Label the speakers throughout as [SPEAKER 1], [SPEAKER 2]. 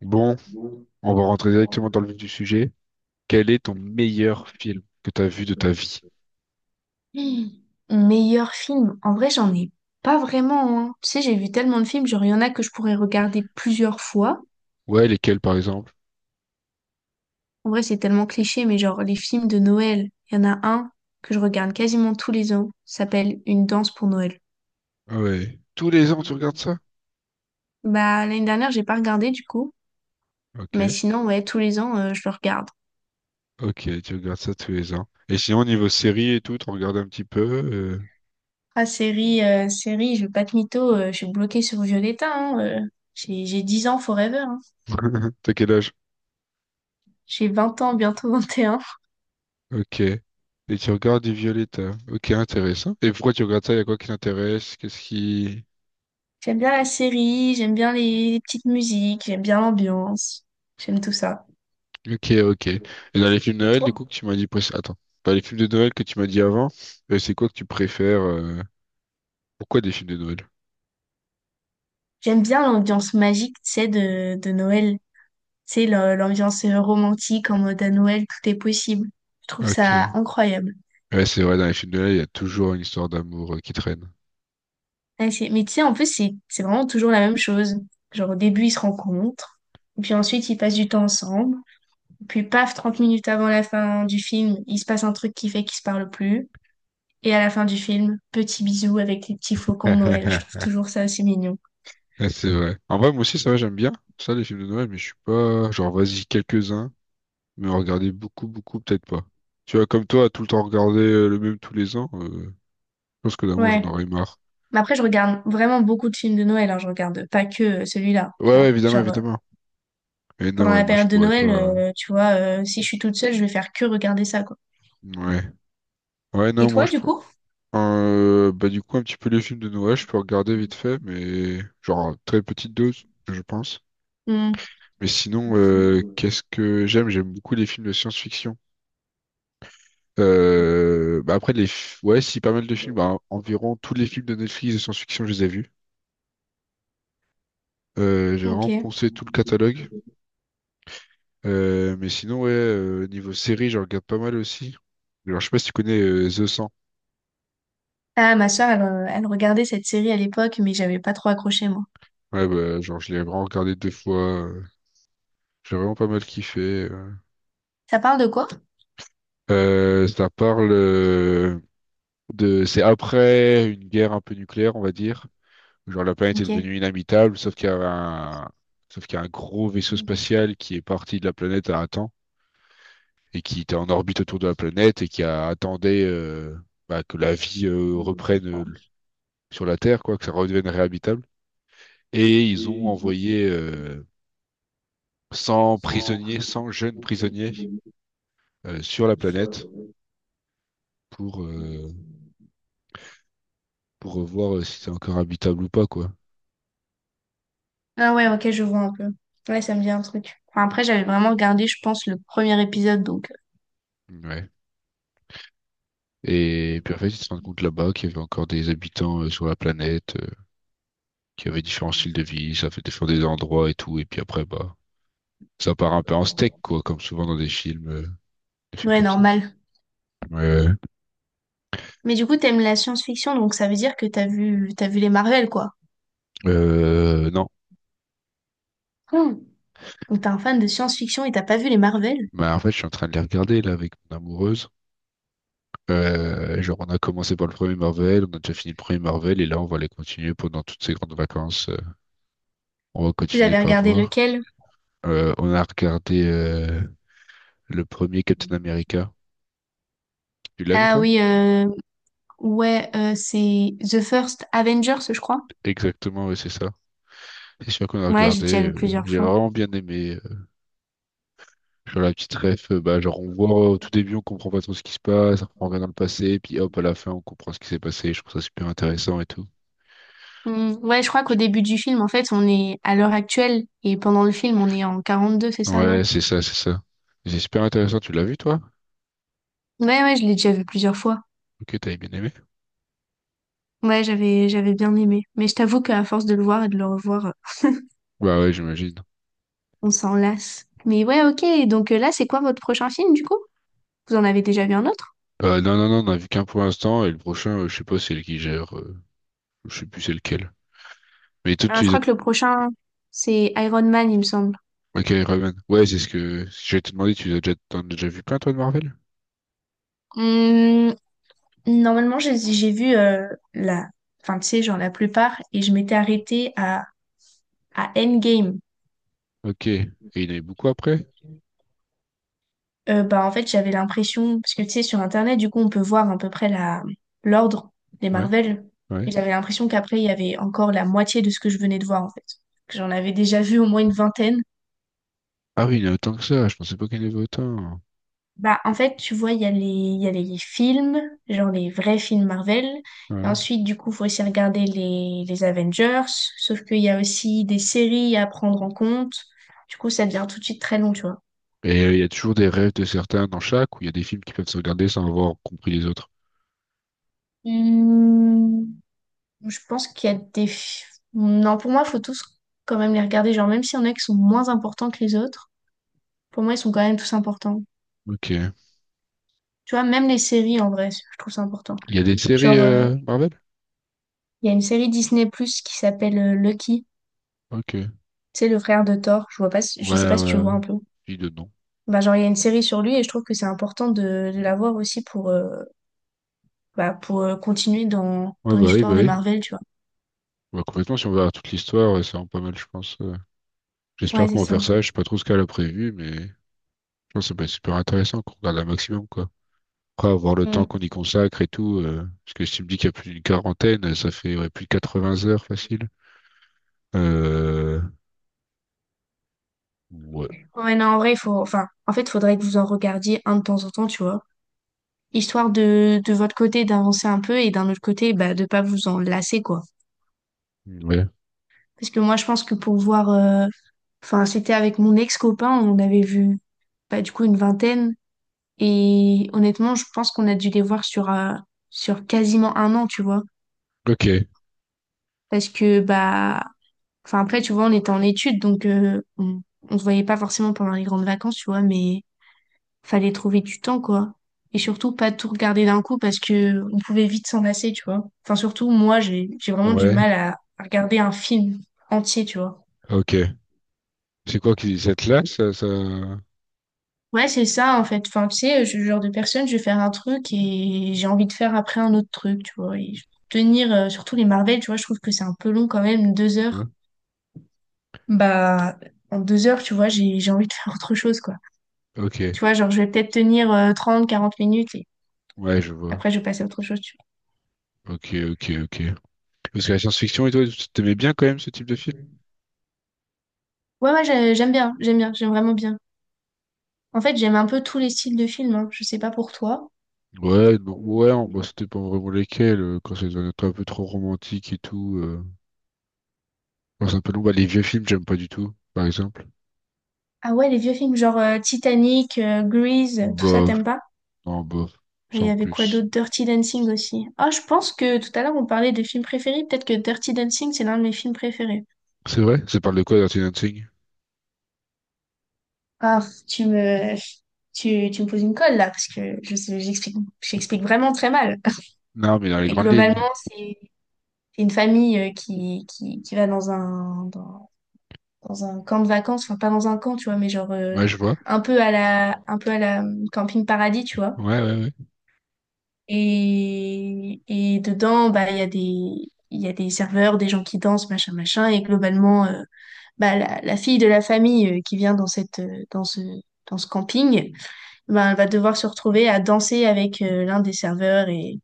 [SPEAKER 1] Bon, on va rentrer directement dans le vif du sujet. Quel est ton meilleur film que tu as vu de ta vie?
[SPEAKER 2] Hum, Meilleur film. En vrai, j'en ai pas vraiment, hein. Tu sais, j'ai vu tellement de films, genre, il y en a que je pourrais regarder plusieurs fois.
[SPEAKER 1] Ouais, lesquels par exemple?
[SPEAKER 2] En vrai, c'est tellement cliché, mais genre, les films de Noël, il y en a un que je regarde quasiment tous les ans. Ça s'appelle Une danse pour Noël.
[SPEAKER 1] Ah ouais. Tous les ans, tu regardes ça?
[SPEAKER 2] Bah, l'année dernière, j'ai pas regardé du coup. Mais
[SPEAKER 1] Ok.
[SPEAKER 2] sinon, ouais, tous les ans, je le regarde.
[SPEAKER 1] Ok, tu regardes ça tous les ans. Et sinon, niveau série et tout, tu regardes un petit peu.
[SPEAKER 2] Ah, série, série, je vais pas te mytho, je suis bloquée sur Violetta, hein, J'ai 10 ans forever, hein.
[SPEAKER 1] T'as quel âge?
[SPEAKER 2] J'ai 20 ans, bientôt 21.
[SPEAKER 1] Ok. Et tu regardes du Violetta. Ok, intéressant. Et pourquoi tu regardes ça? Il y a quoi qui t'intéresse? Qu'est-ce qui...
[SPEAKER 2] J'aime bien la série, j'aime bien les petites musiques, j'aime bien l'ambiance, j'aime tout ça.
[SPEAKER 1] Ok, ok. Et dans les films de
[SPEAKER 2] Et
[SPEAKER 1] Noël, du
[SPEAKER 2] toi?
[SPEAKER 1] coup, que tu m'as dit... Attends. Dans les films de Noël que tu m'as dit avant, c'est quoi que tu préfères? Pourquoi des films de Noël?
[SPEAKER 2] J'aime bien l'ambiance magique, tu sais, de Noël. Tu sais, l'ambiance romantique en mode à Noël, tout est possible. Je trouve ça
[SPEAKER 1] Ok.
[SPEAKER 2] incroyable.
[SPEAKER 1] Ouais, c'est vrai, dans les films de là, il y a toujours une histoire d'amour qui traîne.
[SPEAKER 2] Ouais, Mais tu sais, en plus, c'est vraiment toujours la même chose. Genre, au début, ils se rencontrent, et puis ensuite, ils passent du temps ensemble. Puis, paf, 30 minutes avant la fin du film, il se passe un truc qui fait qu'ils se parlent plus. Et à la fin du film, petit bisou avec les petits flocons de Noël. Je trouve toujours ça assez mignon.
[SPEAKER 1] Ouais, c'est vrai. En vrai, moi aussi, ça va, j'aime bien ça, les films de Noël, mais je suis pas, genre, vas-y, quelques-uns, mais en regarder beaucoup, beaucoup, peut-être pas. Tu vois, comme toi, tout le temps regarder le même tous les ans, je pense que d'amour, j'en
[SPEAKER 2] Ouais.
[SPEAKER 1] aurais marre.
[SPEAKER 2] Mais après, je regarde vraiment beaucoup de films de Noël. Hein. Je regarde pas que celui-là,
[SPEAKER 1] Ouais,
[SPEAKER 2] tu
[SPEAKER 1] ouais,
[SPEAKER 2] vois.
[SPEAKER 1] évidemment,
[SPEAKER 2] Genre,
[SPEAKER 1] évidemment. Et non,
[SPEAKER 2] pendant
[SPEAKER 1] ouais,
[SPEAKER 2] la
[SPEAKER 1] moi, je
[SPEAKER 2] période de
[SPEAKER 1] pourrais
[SPEAKER 2] Noël,
[SPEAKER 1] pas.
[SPEAKER 2] tu vois, si je suis toute seule, je vais faire que regarder ça, quoi.
[SPEAKER 1] Ouais. Ouais,
[SPEAKER 2] Et
[SPEAKER 1] non, moi,
[SPEAKER 2] toi,
[SPEAKER 1] je
[SPEAKER 2] du
[SPEAKER 1] prends.
[SPEAKER 2] coup?
[SPEAKER 1] Bah, du coup, un petit peu les films de Noël, je peux regarder vite fait, mais genre, à très petite dose, je pense.
[SPEAKER 2] Hmm,
[SPEAKER 1] Mais sinon, qu'est-ce que j'aime? J'aime beaucoup les films de science-fiction. Bah après, ouais, si, pas mal de films. Bah, environ tous les films de Netflix de science-fiction, je les ai vus. J'ai vraiment
[SPEAKER 2] ok.
[SPEAKER 1] poncé tout le catalogue. Mais sinon, ouais, niveau série, j'en regarde pas mal aussi. Alors, je sais pas si tu connais The 100.
[SPEAKER 2] Ah, ma soeur, elle, elle regardait cette série à l'époque, mais j'avais pas trop accroché, moi.
[SPEAKER 1] Ouais, bah, genre, je l'ai vraiment regardé deux fois. euh, J'ai vraiment pas mal kiffé. euh.
[SPEAKER 2] Ça parle de quoi?
[SPEAKER 1] Ça parle de... C'est après une guerre un peu nucléaire, on va dire. Genre la planète est
[SPEAKER 2] Ok.
[SPEAKER 1] devenue inhabitable, sauf qu'il y a un gros vaisseau spatial qui est parti de la planète à un temps et qui était en orbite autour de la planète et qui a attendait bah, que la vie reprenne sur la Terre, quoi, que ça redevienne réhabitable. Et ils ont envoyé 100 prisonniers, 100 jeunes prisonniers sur la planète pour, euh, pour voir si c'est encore habitable ou pas, quoi.
[SPEAKER 2] Ah ouais, ok, je vois un peu. Ouais, ça me dit un truc. Enfin, après, j'avais vraiment regardé, je pense, le premier épisode, donc...
[SPEAKER 1] Ouais. Et puis en fait, ils se rendent compte là-bas qu'il y avait encore des habitants sur la planète, qui avait différents styles de vie, ça fait défendre des endroits et tout, et puis après, bah, ça part un peu en steak, quoi, comme souvent dans des films
[SPEAKER 2] Ouais,
[SPEAKER 1] comme ça.
[SPEAKER 2] normal.
[SPEAKER 1] Ouais, ouais.
[SPEAKER 2] Mais du coup, t'aimes la science-fiction, donc ça veut dire que t'as vu les Marvel, quoi.
[SPEAKER 1] Non,
[SPEAKER 2] Donc t'es un fan de science-fiction et t'as pas vu les Marvel?
[SPEAKER 1] mais en fait, je suis en train de les regarder, là, avec mon amoureuse. Genre, on a commencé par le premier Marvel, on a déjà fini le premier Marvel, et là, on va les continuer pendant toutes ces grandes vacances. On va
[SPEAKER 2] Vous
[SPEAKER 1] continuer
[SPEAKER 2] avez
[SPEAKER 1] par
[SPEAKER 2] regardé
[SPEAKER 1] voir.
[SPEAKER 2] lequel?
[SPEAKER 1] On a regardé le premier Captain America. Tu l'as vu,
[SPEAKER 2] Ah
[SPEAKER 1] toi?
[SPEAKER 2] oui, ouais, c'est The First Avengers, je crois.
[SPEAKER 1] Exactement, ouais, c'est ça. C'est sûr qu'on a
[SPEAKER 2] Ouais, j'ai déjà
[SPEAKER 1] regardé.
[SPEAKER 2] vu
[SPEAKER 1] euh,
[SPEAKER 2] plusieurs
[SPEAKER 1] J'ai
[SPEAKER 2] fois.
[SPEAKER 1] vraiment bien aimé. Genre la petite ref, bah, genre on voit au tout début, on comprend pas trop ce qui se passe, on regarde dans le passé, puis hop, à la fin, on comprend ce qui s'est passé. Je trouve ça super intéressant et tout.
[SPEAKER 2] Hmm, ouais, je crois qu'au début du film, en fait, on est à l'heure actuelle et pendant le film, on est en 42, c'est ça, non?
[SPEAKER 1] Ouais, c'est ça, c'est ça. C'est super intéressant, tu l'as vu toi?
[SPEAKER 2] Ouais, ouais, je l'ai déjà vu plusieurs fois.
[SPEAKER 1] Ok, t'avais bien aimé?
[SPEAKER 2] Ouais, j'avais bien aimé. Mais je t'avoue qu'à force de le voir et de le revoir,
[SPEAKER 1] Bah ouais, j'imagine.
[SPEAKER 2] on s'en lasse. Mais ouais, ok. Donc là, c'est quoi votre prochain film, du coup? Vous en avez déjà vu un autre?
[SPEAKER 1] Non, non, non, on a vu qu'un pour l'instant, et le prochain, je sais pas c'est qui gère, je sais plus c'est lequel. Mais tout,
[SPEAKER 2] Ah,
[SPEAKER 1] tu
[SPEAKER 2] je
[SPEAKER 1] les as...
[SPEAKER 2] crois que le prochain, c'est Iron Man, il me semble.
[SPEAKER 1] Ok, Raven. Ouais, c'est ce que je vais te demander, tu les as déjà... t'en as déjà vu plein toi de Marvel?
[SPEAKER 2] Hum, normalement, j'ai vu la, enfin, tu sais, genre la plupart, et je m'étais arrêtée à Endgame.
[SPEAKER 1] Ok. Et il y en avait beaucoup après?
[SPEAKER 2] Bah, en fait, j'avais l'impression, parce que tu sais, sur Internet, du coup, on peut voir à peu près la, l'ordre des
[SPEAKER 1] Ouais,
[SPEAKER 2] Marvel,
[SPEAKER 1] ouais.
[SPEAKER 2] et j'avais l'impression qu'après, il y avait encore la moitié de ce que je venais de voir, en fait. Que j'en avais déjà vu au moins une vingtaine.
[SPEAKER 1] Ah oui, il y en a autant que ça, je pensais pas qu'il y en avait autant.
[SPEAKER 2] Bah, en fait, tu vois, il y a les, il y a les films, genre les vrais films Marvel. Et
[SPEAKER 1] Ouais.
[SPEAKER 2] ensuite, du coup, faut aussi regarder les Avengers. Sauf qu'il y a aussi des séries à prendre en compte. Du coup, ça devient tout de suite très long, tu vois.
[SPEAKER 1] Et il y a toujours des rêves de certains dans chaque, ou il y a des films qui peuvent se regarder sans avoir compris les autres.
[SPEAKER 2] Hmm, je pense qu'il y a des... Non, pour moi, faut tous quand même les regarder. Genre, même s'il y en a qui sont moins importants que les autres, pour moi, ils sont quand même tous importants.
[SPEAKER 1] Ok. Il
[SPEAKER 2] Tu vois, même les séries, en vrai, je trouve ça important.
[SPEAKER 1] y a des séries
[SPEAKER 2] Genre,
[SPEAKER 1] Marvel?
[SPEAKER 2] il y a une série Disney+, qui s'appelle Lucky.
[SPEAKER 1] Ok.
[SPEAKER 2] C'est le frère de Thor,
[SPEAKER 1] Ouais,
[SPEAKER 2] je sais pas si tu
[SPEAKER 1] ouais.
[SPEAKER 2] vois un peu.
[SPEAKER 1] Dis de non.
[SPEAKER 2] Bah, genre, il y a une série sur lui et je trouve que c'est important de l'avoir aussi pour, bah, pour continuer dans,
[SPEAKER 1] Ouais,
[SPEAKER 2] dans
[SPEAKER 1] bah oui, bah
[SPEAKER 2] l'histoire des
[SPEAKER 1] oui.
[SPEAKER 2] Marvel, tu vois.
[SPEAKER 1] Bah, complètement, si on verra toute l'histoire, c'est vraiment pas mal, je pense. J'espère
[SPEAKER 2] Ouais, c'est
[SPEAKER 1] qu'on va faire
[SPEAKER 2] ça.
[SPEAKER 1] ça. Je sais pas trop ce qu'elle a prévu, mais je pense que ça peut être super intéressant qu'on regarde un maximum, quoi. Après, avoir le temps
[SPEAKER 2] Mm.
[SPEAKER 1] qu'on y consacre et tout, parce que si tu me dis qu'il y a plus d'une quarantaine, ça fait ouais, plus de 80 heures facile. Euh... Ouais.
[SPEAKER 2] Ouais, non, en vrai, il faut, enfin, en fait, il faudrait que vous en regardiez un de temps en temps, tu vois. Histoire de votre côté d'avancer un peu et d'un autre côté, bah, de pas vous en lasser, quoi.
[SPEAKER 1] Ouais.
[SPEAKER 2] Parce que moi, je pense que pour voir, enfin, c'était avec mon ex-copain, on avait vu, bah, du coup, une vingtaine. Et honnêtement, je pense qu'on a dû les voir sur, sur quasiment un an, tu vois.
[SPEAKER 1] Ok.
[SPEAKER 2] Parce que, bah, enfin, après, tu vois, on était en études, donc on se voyait pas forcément pendant les grandes vacances, tu vois, mais fallait trouver du temps, quoi. Et surtout, pas tout regarder d'un coup parce que on pouvait vite s'en lasser, tu vois. Enfin, surtout, moi, j'ai vraiment du
[SPEAKER 1] Ouais.
[SPEAKER 2] mal à regarder un film entier, tu vois.
[SPEAKER 1] Ok. C'est quoi qui cette là ça, ça...
[SPEAKER 2] Ouais, c'est ça, en fait. Enfin, tu sais, je suis le genre de personne, je vais faire un truc et j'ai envie de faire après un autre truc, tu vois. Tenir, surtout les Marvel, tu vois, je trouve que c'est un peu long quand même, deux
[SPEAKER 1] Ouais.
[SPEAKER 2] heures. Bah, en deux heures, tu vois, j'ai envie de faire autre chose, quoi.
[SPEAKER 1] Ok.
[SPEAKER 2] Tu vois, genre, je vais peut-être tenir 30, 40 minutes et
[SPEAKER 1] Ouais, je vois.
[SPEAKER 2] après, je vais passer à autre chose, tu
[SPEAKER 1] Ok, ok, ok. Parce que la science-fiction et toi, tu t'aimais bien quand même ce type de film?
[SPEAKER 2] vois. Ouais, ouais, j'aime bien, j'aime bien, j'aime vraiment bien. En fait, j'aime un peu tous les styles de films, hein. Je sais pas pour toi.
[SPEAKER 1] Ouais, non, ouais, bah, c'était pas vraiment lesquels, quand c'est un peu trop romantique et tout. Enfin, c'est un peu long. Bah, les vieux films, j'aime pas du tout, par exemple.
[SPEAKER 2] Ah ouais, les vieux films, genre Titanic, Grease, tout ça,
[SPEAKER 1] Bof,
[SPEAKER 2] t'aimes pas?
[SPEAKER 1] non, bof,
[SPEAKER 2] Il y
[SPEAKER 1] sans
[SPEAKER 2] avait quoi
[SPEAKER 1] plus.
[SPEAKER 2] d'autre? Dirty Dancing aussi. Ah, je pense que tout à l'heure on parlait des films préférés. Peut-être que Dirty Dancing, c'est l'un de mes films préférés.
[SPEAKER 1] C'est vrai? Ça parle de quoi, Dirty Dancing?
[SPEAKER 2] Ah, tu me, tu, tu me poses une colle là, parce que j'explique, j'explique vraiment très mal.
[SPEAKER 1] Non, mais dans les
[SPEAKER 2] Mais
[SPEAKER 1] grandes lignes.
[SPEAKER 2] globalement, c'est une famille qui va dans un, dans, dans un camp de vacances, enfin pas dans un camp, tu vois, mais genre
[SPEAKER 1] Ouais, je vois.
[SPEAKER 2] un peu à la, un peu à la camping paradis, tu vois.
[SPEAKER 1] Ouais, ouais, ouais.
[SPEAKER 2] Et dedans, bah, il y a des, il y a des serveurs, des gens qui dansent, machin, machin. Et globalement, bah, la fille de la famille qui vient dans cette, dans ce camping, bah, elle va devoir se retrouver à danser avec l'un des serveurs.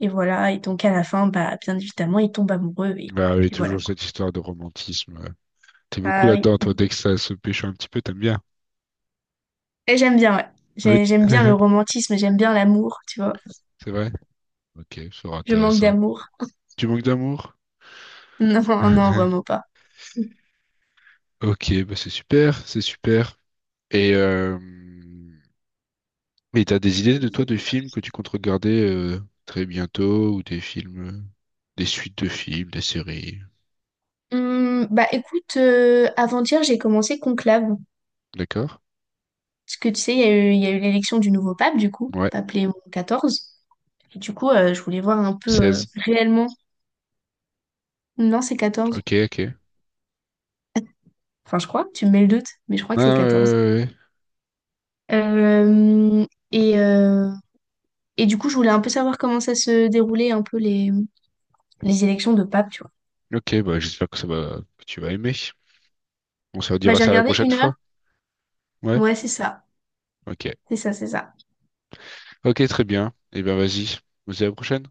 [SPEAKER 2] Et voilà. Et donc, à la fin, bah, bien évidemment, ils tombent amoureux. Et
[SPEAKER 1] Bah, oui,
[SPEAKER 2] puis voilà,
[SPEAKER 1] toujours
[SPEAKER 2] quoi.
[SPEAKER 1] cette histoire de romantisme, ouais. T'es beaucoup
[SPEAKER 2] Ah
[SPEAKER 1] là-dedans, toi,
[SPEAKER 2] oui.
[SPEAKER 1] dès que ça se pêche un petit peu, t'aimes bien.
[SPEAKER 2] Et j'aime bien, ouais.
[SPEAKER 1] Ouais.
[SPEAKER 2] J'aime bien le romantisme, j'aime bien l'amour, tu vois.
[SPEAKER 1] C'est vrai? Ok, ça sera
[SPEAKER 2] Je manque
[SPEAKER 1] intéressant.
[SPEAKER 2] d'amour.
[SPEAKER 1] Tu manques d'amour?
[SPEAKER 2] Non, non, vraiment pas. Hum,
[SPEAKER 1] Ok, bah c'est super, c'est super. Et euh, et t'as des idées de toi de films que tu comptes regarder très bientôt ou des films, des suites de films, des séries,
[SPEAKER 2] bah écoute, avant-hier j'ai commencé Conclave.
[SPEAKER 1] d'accord?
[SPEAKER 2] Parce que tu sais, il y a eu l'élection du nouveau pape, du coup,
[SPEAKER 1] Ouais,
[SPEAKER 2] pape Léon XIV. Et du coup, je voulais voir un peu
[SPEAKER 1] 16.
[SPEAKER 2] réellement. Non, c'est quatorze.
[SPEAKER 1] Ok, ok.
[SPEAKER 2] Enfin, je crois, tu me mets le doute, mais je crois
[SPEAKER 1] Non,
[SPEAKER 2] que c'est 14.
[SPEAKER 1] ouais. Ouais,
[SPEAKER 2] Euh, et, euh, et du coup, je voulais un peu savoir comment ça se déroulait un peu les élections de pape, tu vois.
[SPEAKER 1] ouais. Ok, bah j'espère que ça va, que tu vas aimer. On se
[SPEAKER 2] Bah
[SPEAKER 1] redira
[SPEAKER 2] j'ai
[SPEAKER 1] ça la
[SPEAKER 2] regardé
[SPEAKER 1] prochaine
[SPEAKER 2] une heure.
[SPEAKER 1] fois. Ouais,
[SPEAKER 2] Ouais, c'est ça.
[SPEAKER 1] ok.
[SPEAKER 2] C'est ça, c'est ça.
[SPEAKER 1] Ok, très bien. Eh bien, vas-y. On se dit à la prochaine.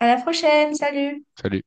[SPEAKER 2] À la prochaine, salut!
[SPEAKER 1] Salut.